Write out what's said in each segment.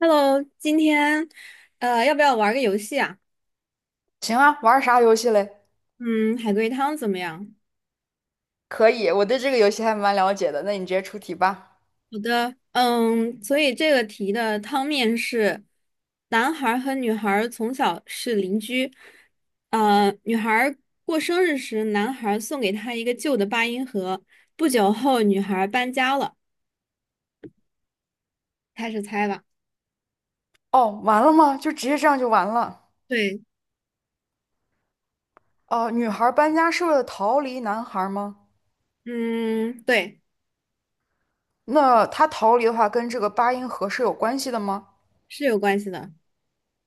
Hello，今天要不要玩个游戏啊？行啊，玩啥游戏嘞？嗯，海龟汤怎么样？可以，我对这个游戏还蛮了解的。那你直接出题吧。好的，嗯，所以这个题的汤面是，男孩儿和女孩儿从小是邻居，女孩儿过生日时，男孩儿送给她一个旧的八音盒，不久后女孩儿搬家了，开始猜吧。哦，完了吗？就直接这样就完了？对。哦、女孩搬家是为了逃离男孩吗？嗯，对。那她逃离的话，跟这个八音盒是有关系的吗？是有关系的。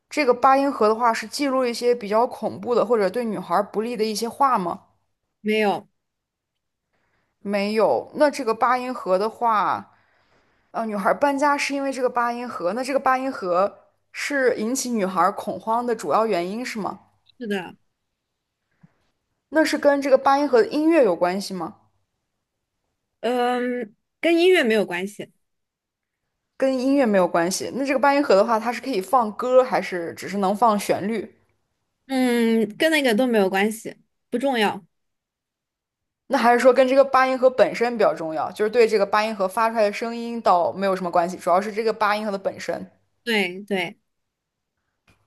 这个八音盒的话，是记录一些比较恐怖的或者对女孩不利的一些话吗？没有。没有。那这个八音盒的话，女孩搬家是因为这个八音盒，那这个八音盒是引起女孩恐慌的主要原因是吗？是的。那是跟这个八音盒的音乐有关系吗？嗯，跟音乐没有关系。跟音乐没有关系。那这个八音盒的话，它是可以放歌，还是只是能放旋律？嗯，跟那个都没有关系，不重要。那还是说跟这个八音盒本身比较重要，就是对这个八音盒发出来的声音倒没有什么关系，主要是这个八音盒的本身。对对。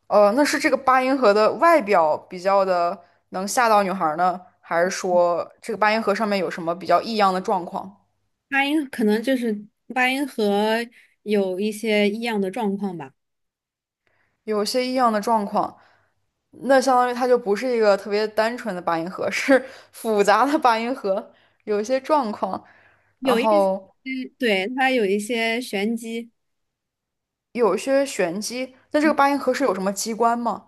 那是这个八音盒的外表比较的能吓到女孩呢，还是说这个八音盒上面有什么比较异样的状况？八音可能就是八音盒有一些异样的状况吧。有些异样的状况。那相当于它就不是一个特别单纯的八音盒，是复杂的八音盒，有一些状况，然有一些。后对，它有一些玄机。有一些玄机。那这个八音盒是有什么机关吗？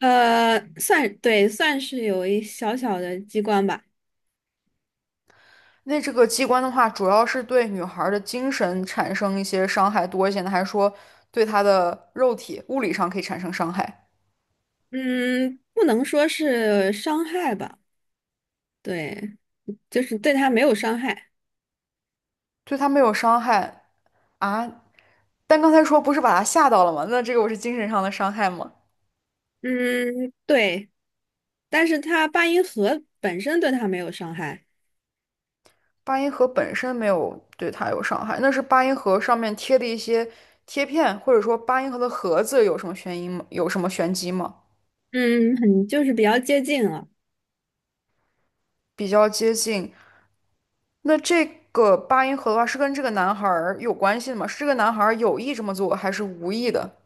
算，对，算是有一小小的机关吧。那这个机关的话，主要是对女孩儿的精神产生一些伤害多一些呢，还是说对她的肉体物理上可以产生伤害？嗯，不能说是伤害吧，对，就是对它没有伤害。对她没有伤害啊？但刚才说不是把她吓到了吗？那这个我是精神上的伤害吗？嗯，对，但是它八音盒本身对它没有伤害。八音盒本身没有对它有伤害，那是八音盒上面贴的一些贴片，或者说八音盒的盒子有什么悬疑吗？有什么玄机吗？嗯，很就是比较接近了。比较接近。那这个八音盒的话，是跟这个男孩儿有关系的吗？是这个男孩儿有意这么做，还是无意的？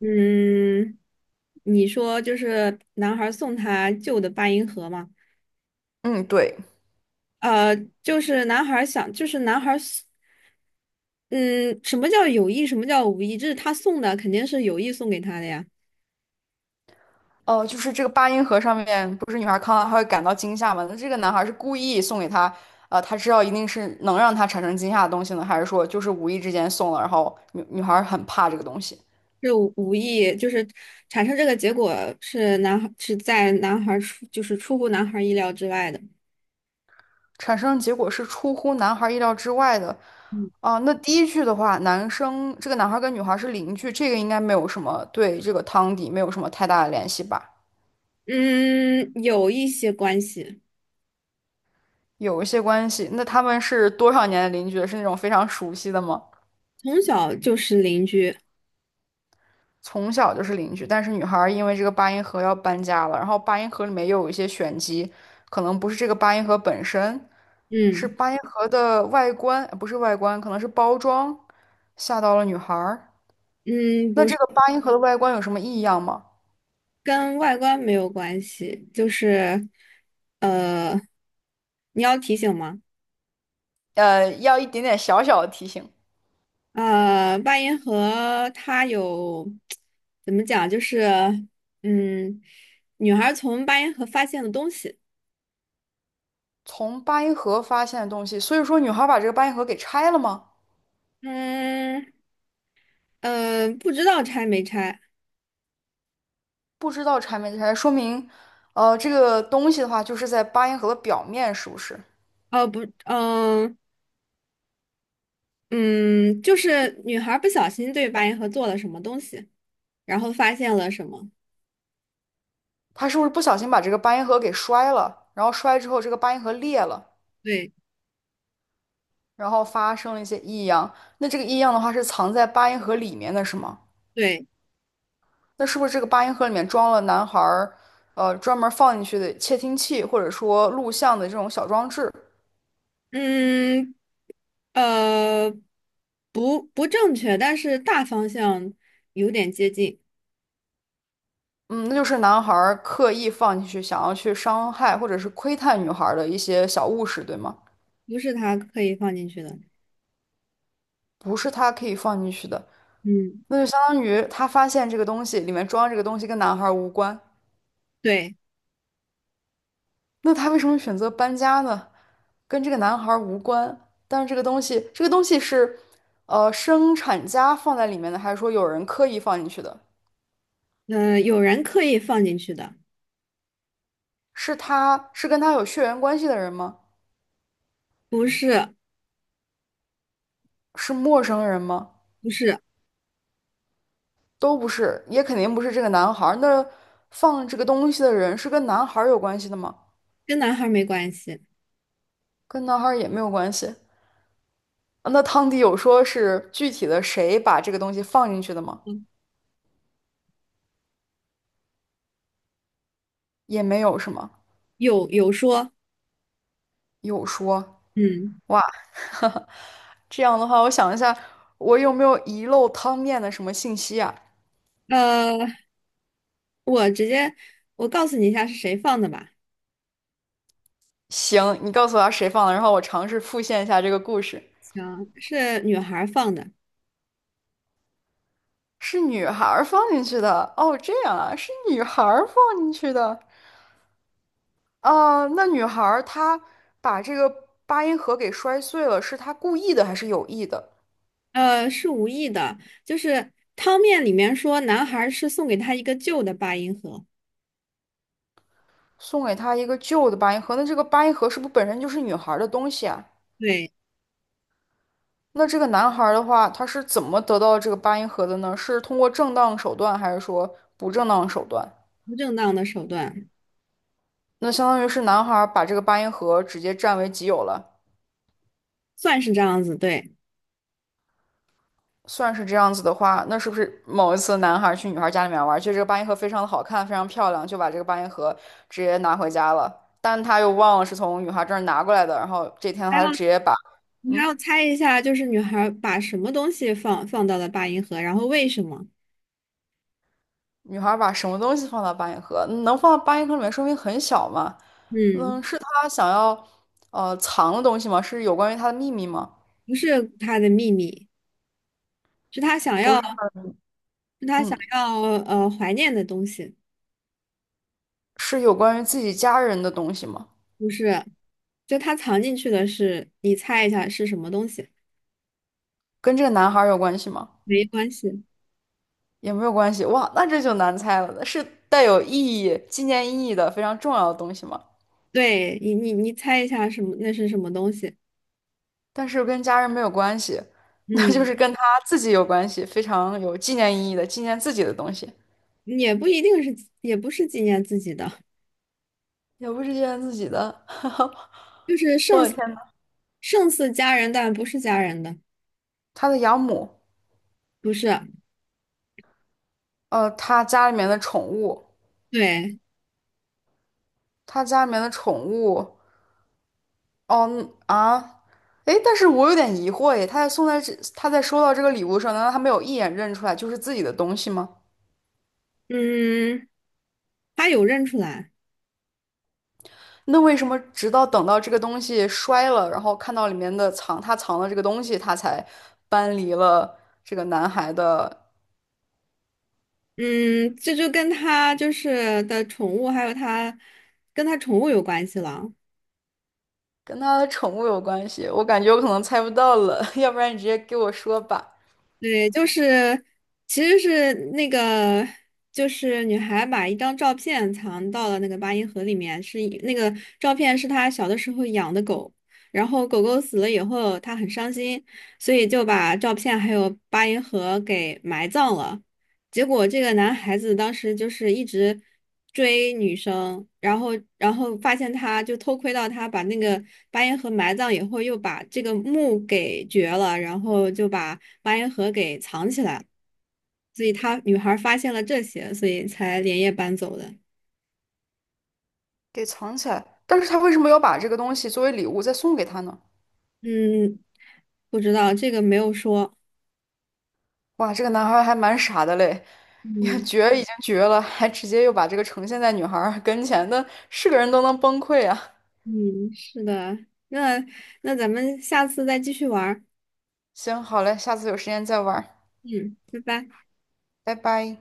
嗯，你说就是男孩儿送他旧的八音盒吗？嗯，对。呃，就是男孩儿想，就是男孩儿送嗯，什么叫有意，什么叫无意？这是他送的，肯定是有意送给他的呀。哦，就是这个八音盒上面不是女孩看到她会感到惊吓吗？那这个男孩是故意送给她，他知道一定是能让她产生惊吓的东西呢，还是说就是无意之间送了，然后女孩很怕这个东西？是无意，就是产生这个结果是男孩儿出，就是出乎男孩儿意料之外的。产生的结果是出乎男孩意料之外的嗯，啊。那第一句的话，男生这个男孩跟女孩是邻居，这个应该没有什么对这个汤底没有什么太大的联系吧？嗯有一些关系。有一些关系。那他们是多少年的邻居是那种非常熟悉的吗？从小就是邻居。从小就是邻居，但是女孩因为这个八音盒要搬家了，然后八音盒里面又有一些玄机，可能不是这个八音盒本身，是嗯八音盒的外观，不是外观，可能是包装吓到了女孩嗯，那不是。这个八音盒的外观有什么异样吗？跟外观没有关系，就是呃，你要提醒吗？要一点点小小的提醒，呃，八音盒它有怎么讲？就是嗯，女孩从八音盒发现的东西。从八音盒发现的东西，所以说女孩把这个八音盒给拆了吗？嗯不知道拆没拆。不知道拆没拆，说明，这个东西的话就是在八音盒的表面，是不是？哦，不，嗯、嗯，就是女孩不小心对八音盒做了什么东西，然后发现了什么？她是不是不小心把这个八音盒给摔了？然后摔之后，这个八音盒裂了，对然后发生了一些异样。那这个异样的话是藏在八音盒里面的，是吗？对。那是不是这个八音盒里面装了男孩儿，专门放进去的窃听器，或者说录像的这种小装置？嗯。呃，不正确，但是大方向有点接近。嗯，那就是男孩儿刻意放进去，想要去伤害或者是窥探女孩儿的一些小物事，对吗？不是他刻意放进去的。不是他可以放进去的，嗯，那就相当于他发现这个东西里面装这个东西跟男孩儿无关，对。那他为什么选择搬家呢？跟这个男孩儿无关，但是这个东西，这个东西是，生产家放在里面的，还是说有人刻意放进去的？有人刻意放进去的。是他是跟他有血缘关系的人吗？不是是陌生人吗？不是。都不是，也肯定不是这个男孩儿。那放这个东西的人是跟男孩儿有关系的吗？跟男孩儿没关系。跟男孩儿也没有关系。啊那汤迪有说是具体的谁把这个东西放进去的吗？嗯也没有，是吗？有有说。有说，嗯。哇，这样的话，我想一下，我有没有遗漏汤面的什么信息啊？呃，我直接我告诉你一下是谁放的吧。行，你告诉我谁放的，然后我尝试复现一下这个故事。行，是女孩儿放的。是女孩儿放进去的，哦，这样啊，是女孩儿放进去的。啊，那女孩儿她把这个八音盒给摔碎了，是她故意的还是有意的？是无意的，就是汤面里面说男孩儿是送给她一个旧的八音盒。送给她一个旧的八音盒，那这个八音盒是不是本身就是女孩儿的东西啊？对。那这个男孩儿的话，他是怎么得到这个八音盒的呢？是通过正当手段，还是说不正当手段？不正当的手段。那相当于是男孩儿把这个八音盒直接占为己有了。算是这样子，对。算是这样子的话，那是不是某一次男孩去女孩家里面玩，觉得这个八音盒非常的好看，非常漂亮，就把这个八音盒直接拿回家了？但他又忘了是从女孩这儿拿过来的，然后这天还他就要直接把，你还嗯，要猜一下，就是女孩儿把什么东西放到了八音盒，然后为什么？女孩把什么东西放到八音盒？能放到八音盒里面，说明很小嘛？嗯，嗯，是他想要藏的东西吗？是有关于他的秘密吗？不是她的秘密，是她想不要，是，是她想嗯，要怀念的东西。是有关于自己家人的东西吗？不是，就她藏进去的是，你猜一下是什么东西？跟这个男孩有关系吗？没关系。也没有关系。哇，那这就难猜了，是带有意义、纪念意义的非常重要的东西吗？对你猜一下什么？那是什么东西？但是跟家人没有关系，那就嗯，是跟他自己有关系，非常有纪念意义的，纪念自己的东西，也不一定是，也不是纪念自己的。也不是纪念自己的。就是我的天呐，胜似家人，但不是家人的。他的养母，不是。他家里面的宠物，对。他家里面的宠物，哦嗯啊。诶，但是我有点疑惑耶，他在送在这，他在收到这个礼物的时候，难道他没有一眼认出来就是自己的东西吗？嗯，他有认出来。那为什么直到等到这个东西摔了，然后看到里面的藏他藏的这个东西，他才搬离了这个男孩的，嗯，这就跟他就是的宠物，还有他跟他宠物有关系了。跟他的宠物有关系？我感觉我可能猜不到了，要不然你直接给我说吧，对，其实是女孩把一张照片藏到了那个八音盒里面，是一那个照片是她小的时候养的狗，然后狗狗死了以后，她很伤心，所以就把照片还有八音盒给埋葬了。结果这个男孩子当时就是一直追女生，然后发现他就偷窥到他把那个八音盒埋葬以后，又把这个墓给掘了，然后就把八音盒给藏起来，所以他女孩发现了这些，所以才连夜搬走的。给藏起来。但是他为什么要把这个东西作为礼物再送给他呢？嗯，不知道这个没有说。哇，这个男孩还蛮傻的嘞，也嗯绝已经绝了，还直接又把这个呈现在女孩儿跟前的，是个人都能崩溃啊！嗯，是的。那咱们下次再继续玩儿。行，好嘞，下次有时间再玩儿，嗯，拜拜。拜拜。